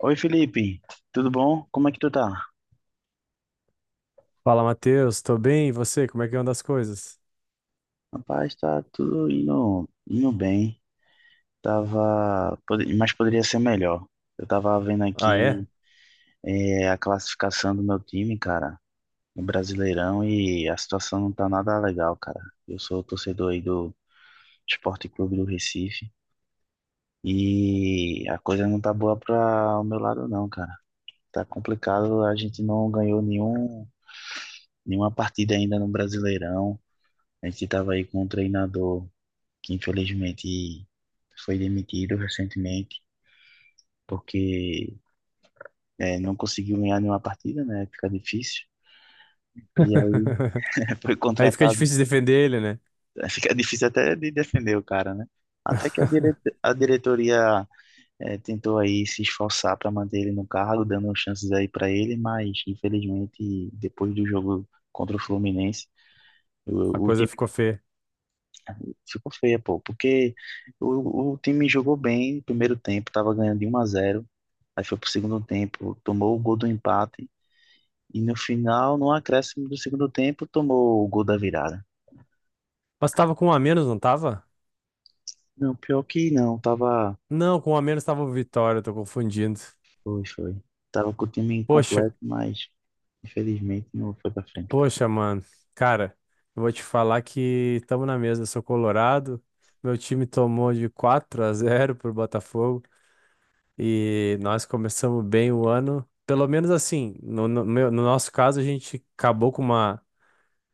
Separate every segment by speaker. Speaker 1: Oi, Felipe, tudo bom? Como é que tu tá?
Speaker 2: Fala, Matheus, tô bem, e você? Como é que anda as coisas?
Speaker 1: Rapaz, tá tudo indo bem. Mas poderia ser melhor. Eu tava vendo
Speaker 2: Ah, é?
Speaker 1: aqui a classificação do meu time, cara, no Brasileirão, e a situação não tá nada legal, cara. Eu sou torcedor aí do Esporte Clube do Recife e a coisa não tá boa pra o meu lado, não, cara. Tá complicado, a gente não ganhou nenhuma partida ainda no Brasileirão. A gente tava aí com um treinador que infelizmente foi demitido recentemente, porque não conseguiu ganhar nenhuma partida, né? Fica difícil. E aí foi
Speaker 2: Aí fica
Speaker 1: contratado,
Speaker 2: difícil defender ele, né?
Speaker 1: fica difícil até de defender o cara, né? Até que a, dire A diretoria tentou aí se esforçar para manter ele no cargo, dando chances aí para ele, mas infelizmente depois do jogo contra o Fluminense,
Speaker 2: A
Speaker 1: o
Speaker 2: coisa
Speaker 1: time
Speaker 2: ficou feia.
Speaker 1: ficou feio, pô, porque o time jogou bem no primeiro tempo, tava ganhando de um a zero. Aí foi pro segundo tempo, tomou o gol do empate. E no final, no acréscimo do segundo tempo, tomou o gol da virada.
Speaker 2: Mas tava com um a menos, não tava?
Speaker 1: Não, pior que não, tava.
Speaker 2: Não, com um a menos tava o Vitória, tô confundindo.
Speaker 1: Foi, foi. Tava com o time
Speaker 2: Poxa,
Speaker 1: incompleto, mas infelizmente não foi pra frente.
Speaker 2: mano. Cara, eu vou te falar que tamo na mesa, eu sou colorado. Meu time tomou de 4 a 0 pro Botafogo e nós começamos bem o ano. Pelo menos assim, no no nosso caso, a gente acabou com uma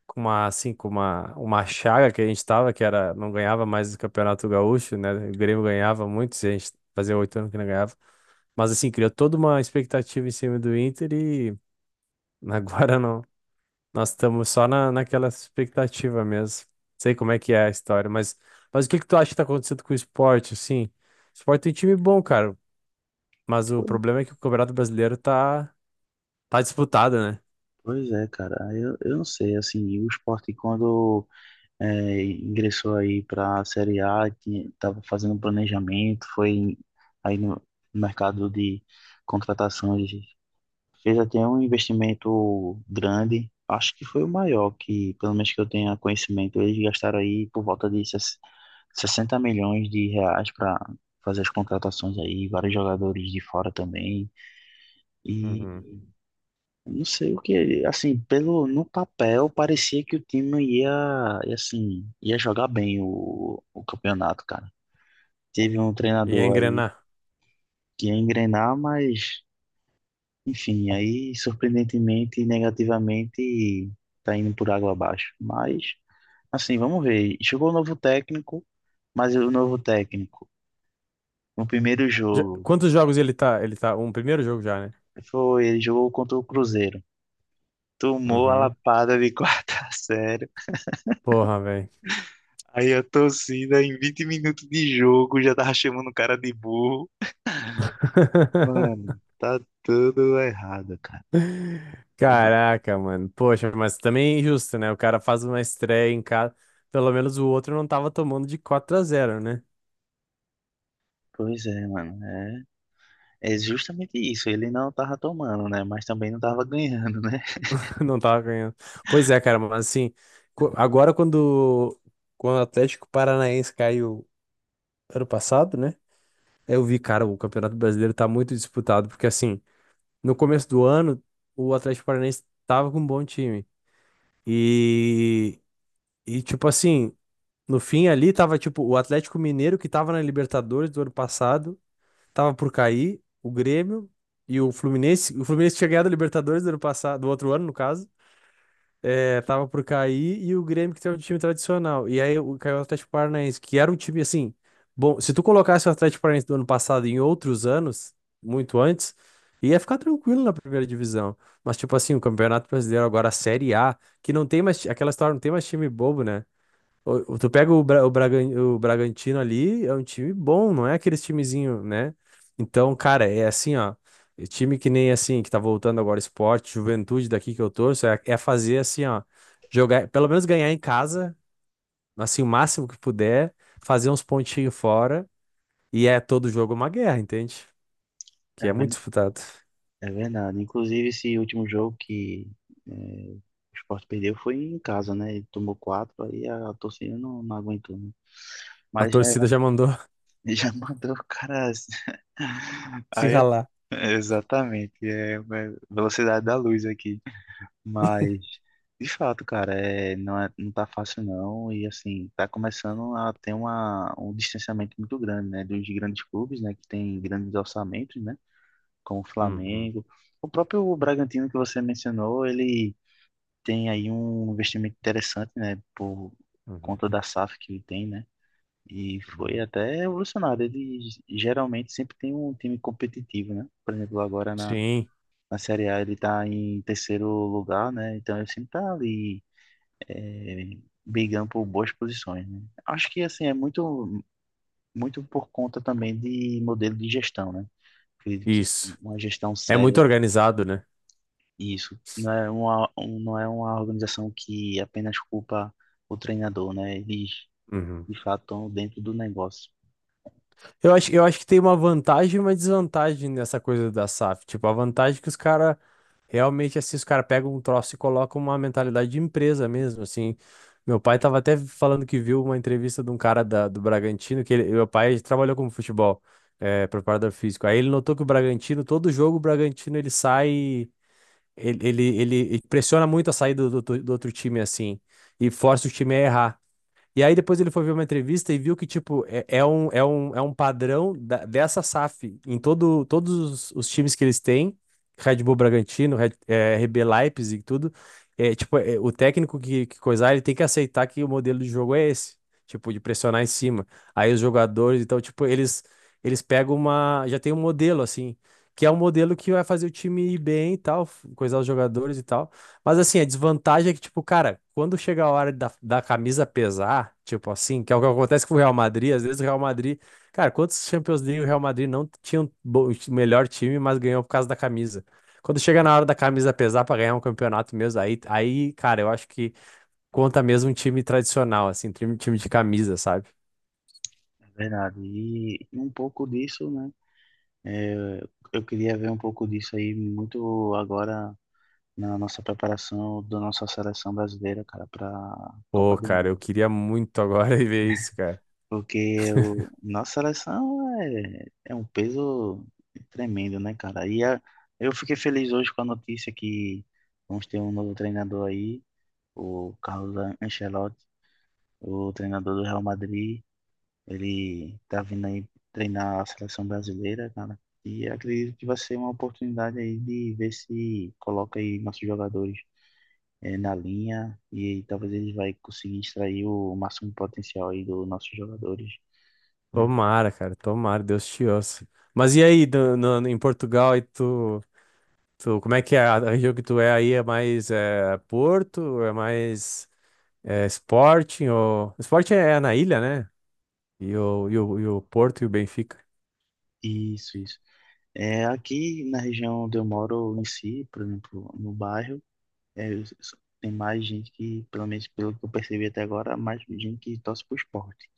Speaker 2: com uma chaga que a gente tava, que era, não ganhava mais o Campeonato Gaúcho, né? O Grêmio ganhava muito, se a gente fazia oito anos que não ganhava. Mas assim, criou toda uma expectativa em cima do Inter e agora não. Nós estamos só naquela expectativa mesmo. Sei como é que é a história, mas o que que tu acha que tá acontecendo com o esporte, assim? O esporte tem time bom, cara, mas o problema é que o Campeonato Brasileiro tá, tá disputado, né?
Speaker 1: Pois é, cara, eu não sei, assim, o Sport quando ingressou aí pra Série A, que tava fazendo um planejamento, foi aí no mercado de contratações. Fez até um investimento grande, acho que foi o maior que, pelo menos que eu tenha conhecimento, eles gastaram aí por volta de 60 milhões de reais para fazer as contratações aí, vários jogadores de fora também.
Speaker 2: Uhum.
Speaker 1: E não sei o que, assim, pelo no papel parecia que o time ia, assim, ia jogar bem o campeonato, cara. Teve um
Speaker 2: E é
Speaker 1: treinador aí
Speaker 2: engrenar.
Speaker 1: que ia engrenar, mas enfim, aí surpreendentemente e negativamente tá indo por água abaixo. Mas, assim, vamos ver. Chegou o novo técnico, mas o novo técnico, no primeiro jogo,
Speaker 2: Quantos jogos ele tá? Ele tá. Um primeiro jogo já, né?
Speaker 1: foi, ele jogou contra o Cruzeiro. Tomou a
Speaker 2: Uhum.
Speaker 1: lapada de quarta série.
Speaker 2: Porra, velho.
Speaker 1: Aí a torcida, em 20 minutos de jogo, já tava chamando o cara de burro. Mano, tá tudo errado, cara. É, ma-
Speaker 2: Caraca, mano. Poxa, mas também é injusto, né? O cara faz uma estreia em casa. Pelo menos o outro não tava tomando de 4 a zero, né?
Speaker 1: Pois é, mano. É, é justamente isso. Ele não tava tomando, né? Mas também não tava ganhando, né?
Speaker 2: Não tava ganhando. Pois é, cara, mas assim, co- agora quando, quando o Atlético Paranaense caiu ano passado, né? Eu vi, cara, o Campeonato Brasileiro tá muito disputado, porque assim, no começo do ano, o Atlético Paranaense tava com um bom time. E, e tipo assim. No fim ali tava tipo o Atlético Mineiro que tava na Libertadores do ano passado, tava por cair, o Grêmio e o Fluminense tinha ganhado a Libertadores do ano passado, do outro ano no caso, é, tava por cair, e o Grêmio que tem um time tradicional. E aí caiu o Atlético Paranaense, que era um time assim, bom, se tu colocasse o Atlético Paranaense do ano passado em outros anos, muito antes, ia ficar tranquilo na primeira divisão. Mas tipo assim, o Campeonato Brasileiro agora a Série A, que não tem mais aquela história, não tem mais time bobo, né? Tu pega o Bragantino ali, é um time bom, não é aqueles timezinho, né? Então, cara, é assim, ó. E time que nem assim, que tá voltando agora, esporte, juventude daqui que eu torço, é, é fazer assim, ó. Jogar, pelo menos ganhar em casa, assim, o máximo que puder, fazer uns pontinhos fora, e é todo jogo uma guerra, entende? Que
Speaker 1: É,
Speaker 2: é muito
Speaker 1: ver-
Speaker 2: disputado.
Speaker 1: É verdade. Inclusive, esse último jogo que o Sport perdeu foi em casa, né? Ele tomou quatro, aí a torcida não aguentou, né?
Speaker 2: A
Speaker 1: Mas já,
Speaker 2: torcida já mandou.
Speaker 1: já mandou o cara.
Speaker 2: Se
Speaker 1: Aí, eu-
Speaker 2: ralar.
Speaker 1: Exatamente, é velocidade da luz aqui. Mas, de fato, cara, é, não tá fácil não. E assim, tá começando a ter um distanciamento muito grande, né? Dos grandes clubes, né? Que tem grandes orçamentos, né? Como o
Speaker 2: Uhum,
Speaker 1: Flamengo. O próprio Bragantino que você mencionou, ele tem aí um investimento interessante, né, por
Speaker 2: uhum,
Speaker 1: conta da SAF que ele tem, né? E foi
Speaker 2: uhum.
Speaker 1: até revolucionário. Ele geralmente sempre tem um time competitivo, né? Por exemplo,
Speaker 2: Sim,
Speaker 1: na Série A ele está em terceiro lugar, né? Então ele sempre está ali é, brigando por boas posições, né? Acho que assim é muito por conta também de modelo de gestão, né? Acredito que
Speaker 2: isso.
Speaker 1: uma gestão
Speaker 2: É muito
Speaker 1: séria.
Speaker 2: organizado, né?
Speaker 1: Isso. Não é uma organização que apenas culpa o treinador, né? Eles,
Speaker 2: Uhum.
Speaker 1: de fato, estão dentro do negócio.
Speaker 2: Eu acho que tem uma vantagem e uma desvantagem nessa coisa da SAF. Tipo, a vantagem é que os caras realmente, assim, os caras pegam um troço e colocam uma mentalidade de empresa mesmo, assim. Meu pai tava até falando que viu uma entrevista de um cara da, do Bragantino, meu pai trabalhou como futebol, é, preparador físico. Aí ele notou que o Bragantino, todo jogo, o Bragantino ele sai, ele pressiona muito a saída do outro time, assim, e força o time a errar. E aí depois ele foi ver uma entrevista e viu que, tipo, é um padrão dessa SAF em todo, todos os times que eles têm, Red Bull Bragantino, RB Leipzig e tudo. O técnico que coisar, ele tem que aceitar que o modelo de jogo é esse, tipo, de pressionar em cima. Aí os jogadores, então, tipo, eles pegam uma... Já tem um modelo, assim, que é um modelo que vai fazer o time ir bem e tal, coisar os jogadores e tal. Mas assim, a desvantagem é que, tipo, cara, quando chega a hora da camisa pesar, tipo assim, que é o que acontece com o Real Madrid, às vezes o Real Madrid, cara, quantos Champions League o Real Madrid não tinha um melhor time, mas ganhou por causa da camisa. Quando chega na hora da camisa pesar pra ganhar um campeonato mesmo, aí, cara, eu acho que conta mesmo um time tradicional, assim, time de camisa, sabe?
Speaker 1: É verdade. E um pouco disso, né? É, eu queria ver um pouco disso aí muito agora na nossa preparação da nossa seleção brasileira, cara, para
Speaker 2: Pô,
Speaker 1: Copa do
Speaker 2: cara, eu
Speaker 1: Mundo.
Speaker 2: queria muito agora ver isso, cara.
Speaker 1: Porque o, nossa seleção é um peso tremendo, né, cara? E a, eu fiquei feliz hoje com a notícia que vamos ter um novo treinador aí. O Carlos Ancelotti, o treinador do Real Madrid, ele tá vindo aí treinar a seleção brasileira, cara. E acredito que vai ser uma oportunidade aí de ver se coloca aí nossos jogadores na linha e talvez eles vai conseguir extrair o máximo potencial aí dos nossos jogadores, né?
Speaker 2: Tomara, cara, tomara, Deus te ouça. Mas e aí, em Portugal, aí tu. Tu, como é que é? A região que tu é aí é mais Porto, é mais Sporting, ou... Sporting é é na ilha, né? E o Porto e o Benfica.
Speaker 1: Isso, isso. É, aqui na região onde eu moro em si, por exemplo, no bairro, é, eu- tem mais gente que, pelo menos pelo que eu percebi até agora, mais gente que torce pro esporte.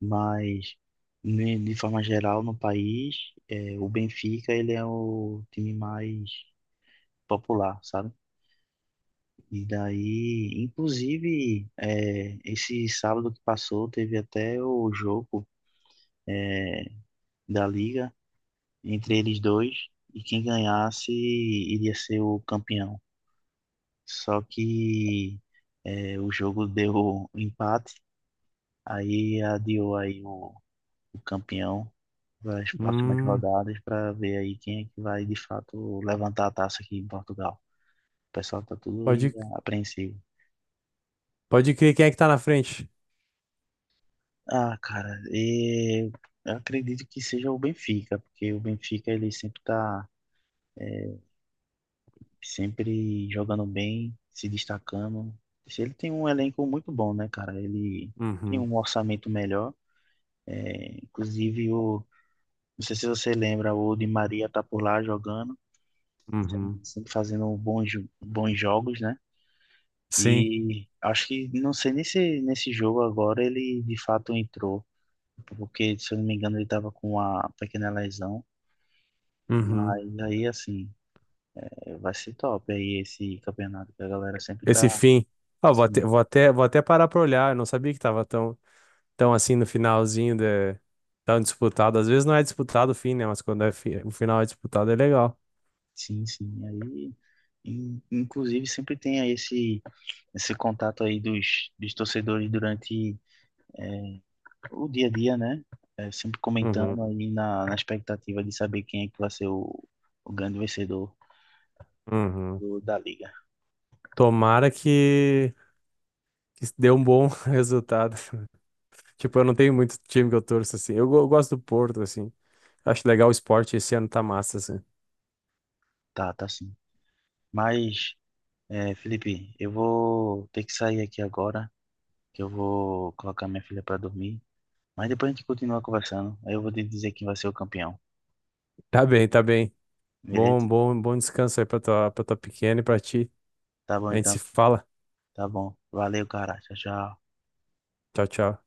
Speaker 1: Mas, de forma geral, no país, é, o Benfica ele é o time mais popular, sabe? E daí, inclusive, é, esse sábado que passou, teve até o jogo da Liga entre eles dois, e quem ganhasse iria ser o campeão. Só que o jogo deu um empate, aí adiou aí o campeão nas próximas
Speaker 2: Hum,
Speaker 1: rodadas para ver aí quem é que vai de fato levantar a taça aqui em Portugal. O pessoal tá tudo aí
Speaker 2: pode,
Speaker 1: apreensivo.
Speaker 2: pode crer quem é que tá na frente.
Speaker 1: Ah, cara, e eu acredito que seja o Benfica, porque o Benfica ele sempre jogando bem, se destacando. Ele tem um elenco muito bom, né, cara? Ele tem
Speaker 2: Uhum,
Speaker 1: um orçamento melhor. Inclusive, não sei se você lembra, o Di Maria tá por lá jogando,
Speaker 2: uhum,
Speaker 1: sempre fazendo bons jogos, né?
Speaker 2: sim,
Speaker 1: E acho que, não sei nem se nesse jogo agora ele de fato entrou, porque se eu não me engano ele tava com uma pequena lesão.
Speaker 2: uhum.
Speaker 1: Mas aí, assim, é, vai ser top aí esse campeonato, que a galera sempre
Speaker 2: Esse
Speaker 1: tá.
Speaker 2: fim. Ah,
Speaker 1: Sim,
Speaker 2: vou até parar pra olhar, eu não sabia que tava tão, tão assim no finalzinho, de, tão disputado. Às vezes não é disputado o fim, né? Mas quando é o final é disputado é legal.
Speaker 1: sim, sim. Aí, inclusive, sempre tem aí esse contato aí dos torcedores durante o dia a dia, né? É, sempre
Speaker 2: Uhum,
Speaker 1: comentando aí na expectativa de saber quem é que vai ser o grande vencedor
Speaker 2: uhum.
Speaker 1: da liga.
Speaker 2: Tomara que deu um bom resultado. Tipo, eu não tenho muito time que eu torço assim. Eu, eu gosto do Porto, assim. Acho legal o esporte. Esse ano tá massa, assim.
Speaker 1: Tá, tá sim. Mas é, Felipe, eu vou ter que sair aqui agora, que eu vou colocar minha filha para dormir. Mas depois a gente continua conversando. Aí eu vou te dizer quem vai ser o campeão,
Speaker 2: Tá bem, tá bem. Bom,
Speaker 1: beleza?
Speaker 2: bom descanso aí pra tua pequena e pra ti.
Speaker 1: Tá bom
Speaker 2: A gente se
Speaker 1: então,
Speaker 2: fala.
Speaker 1: tá bom. Valeu, cara. Tchau, tchau.
Speaker 2: Tchau, tchau.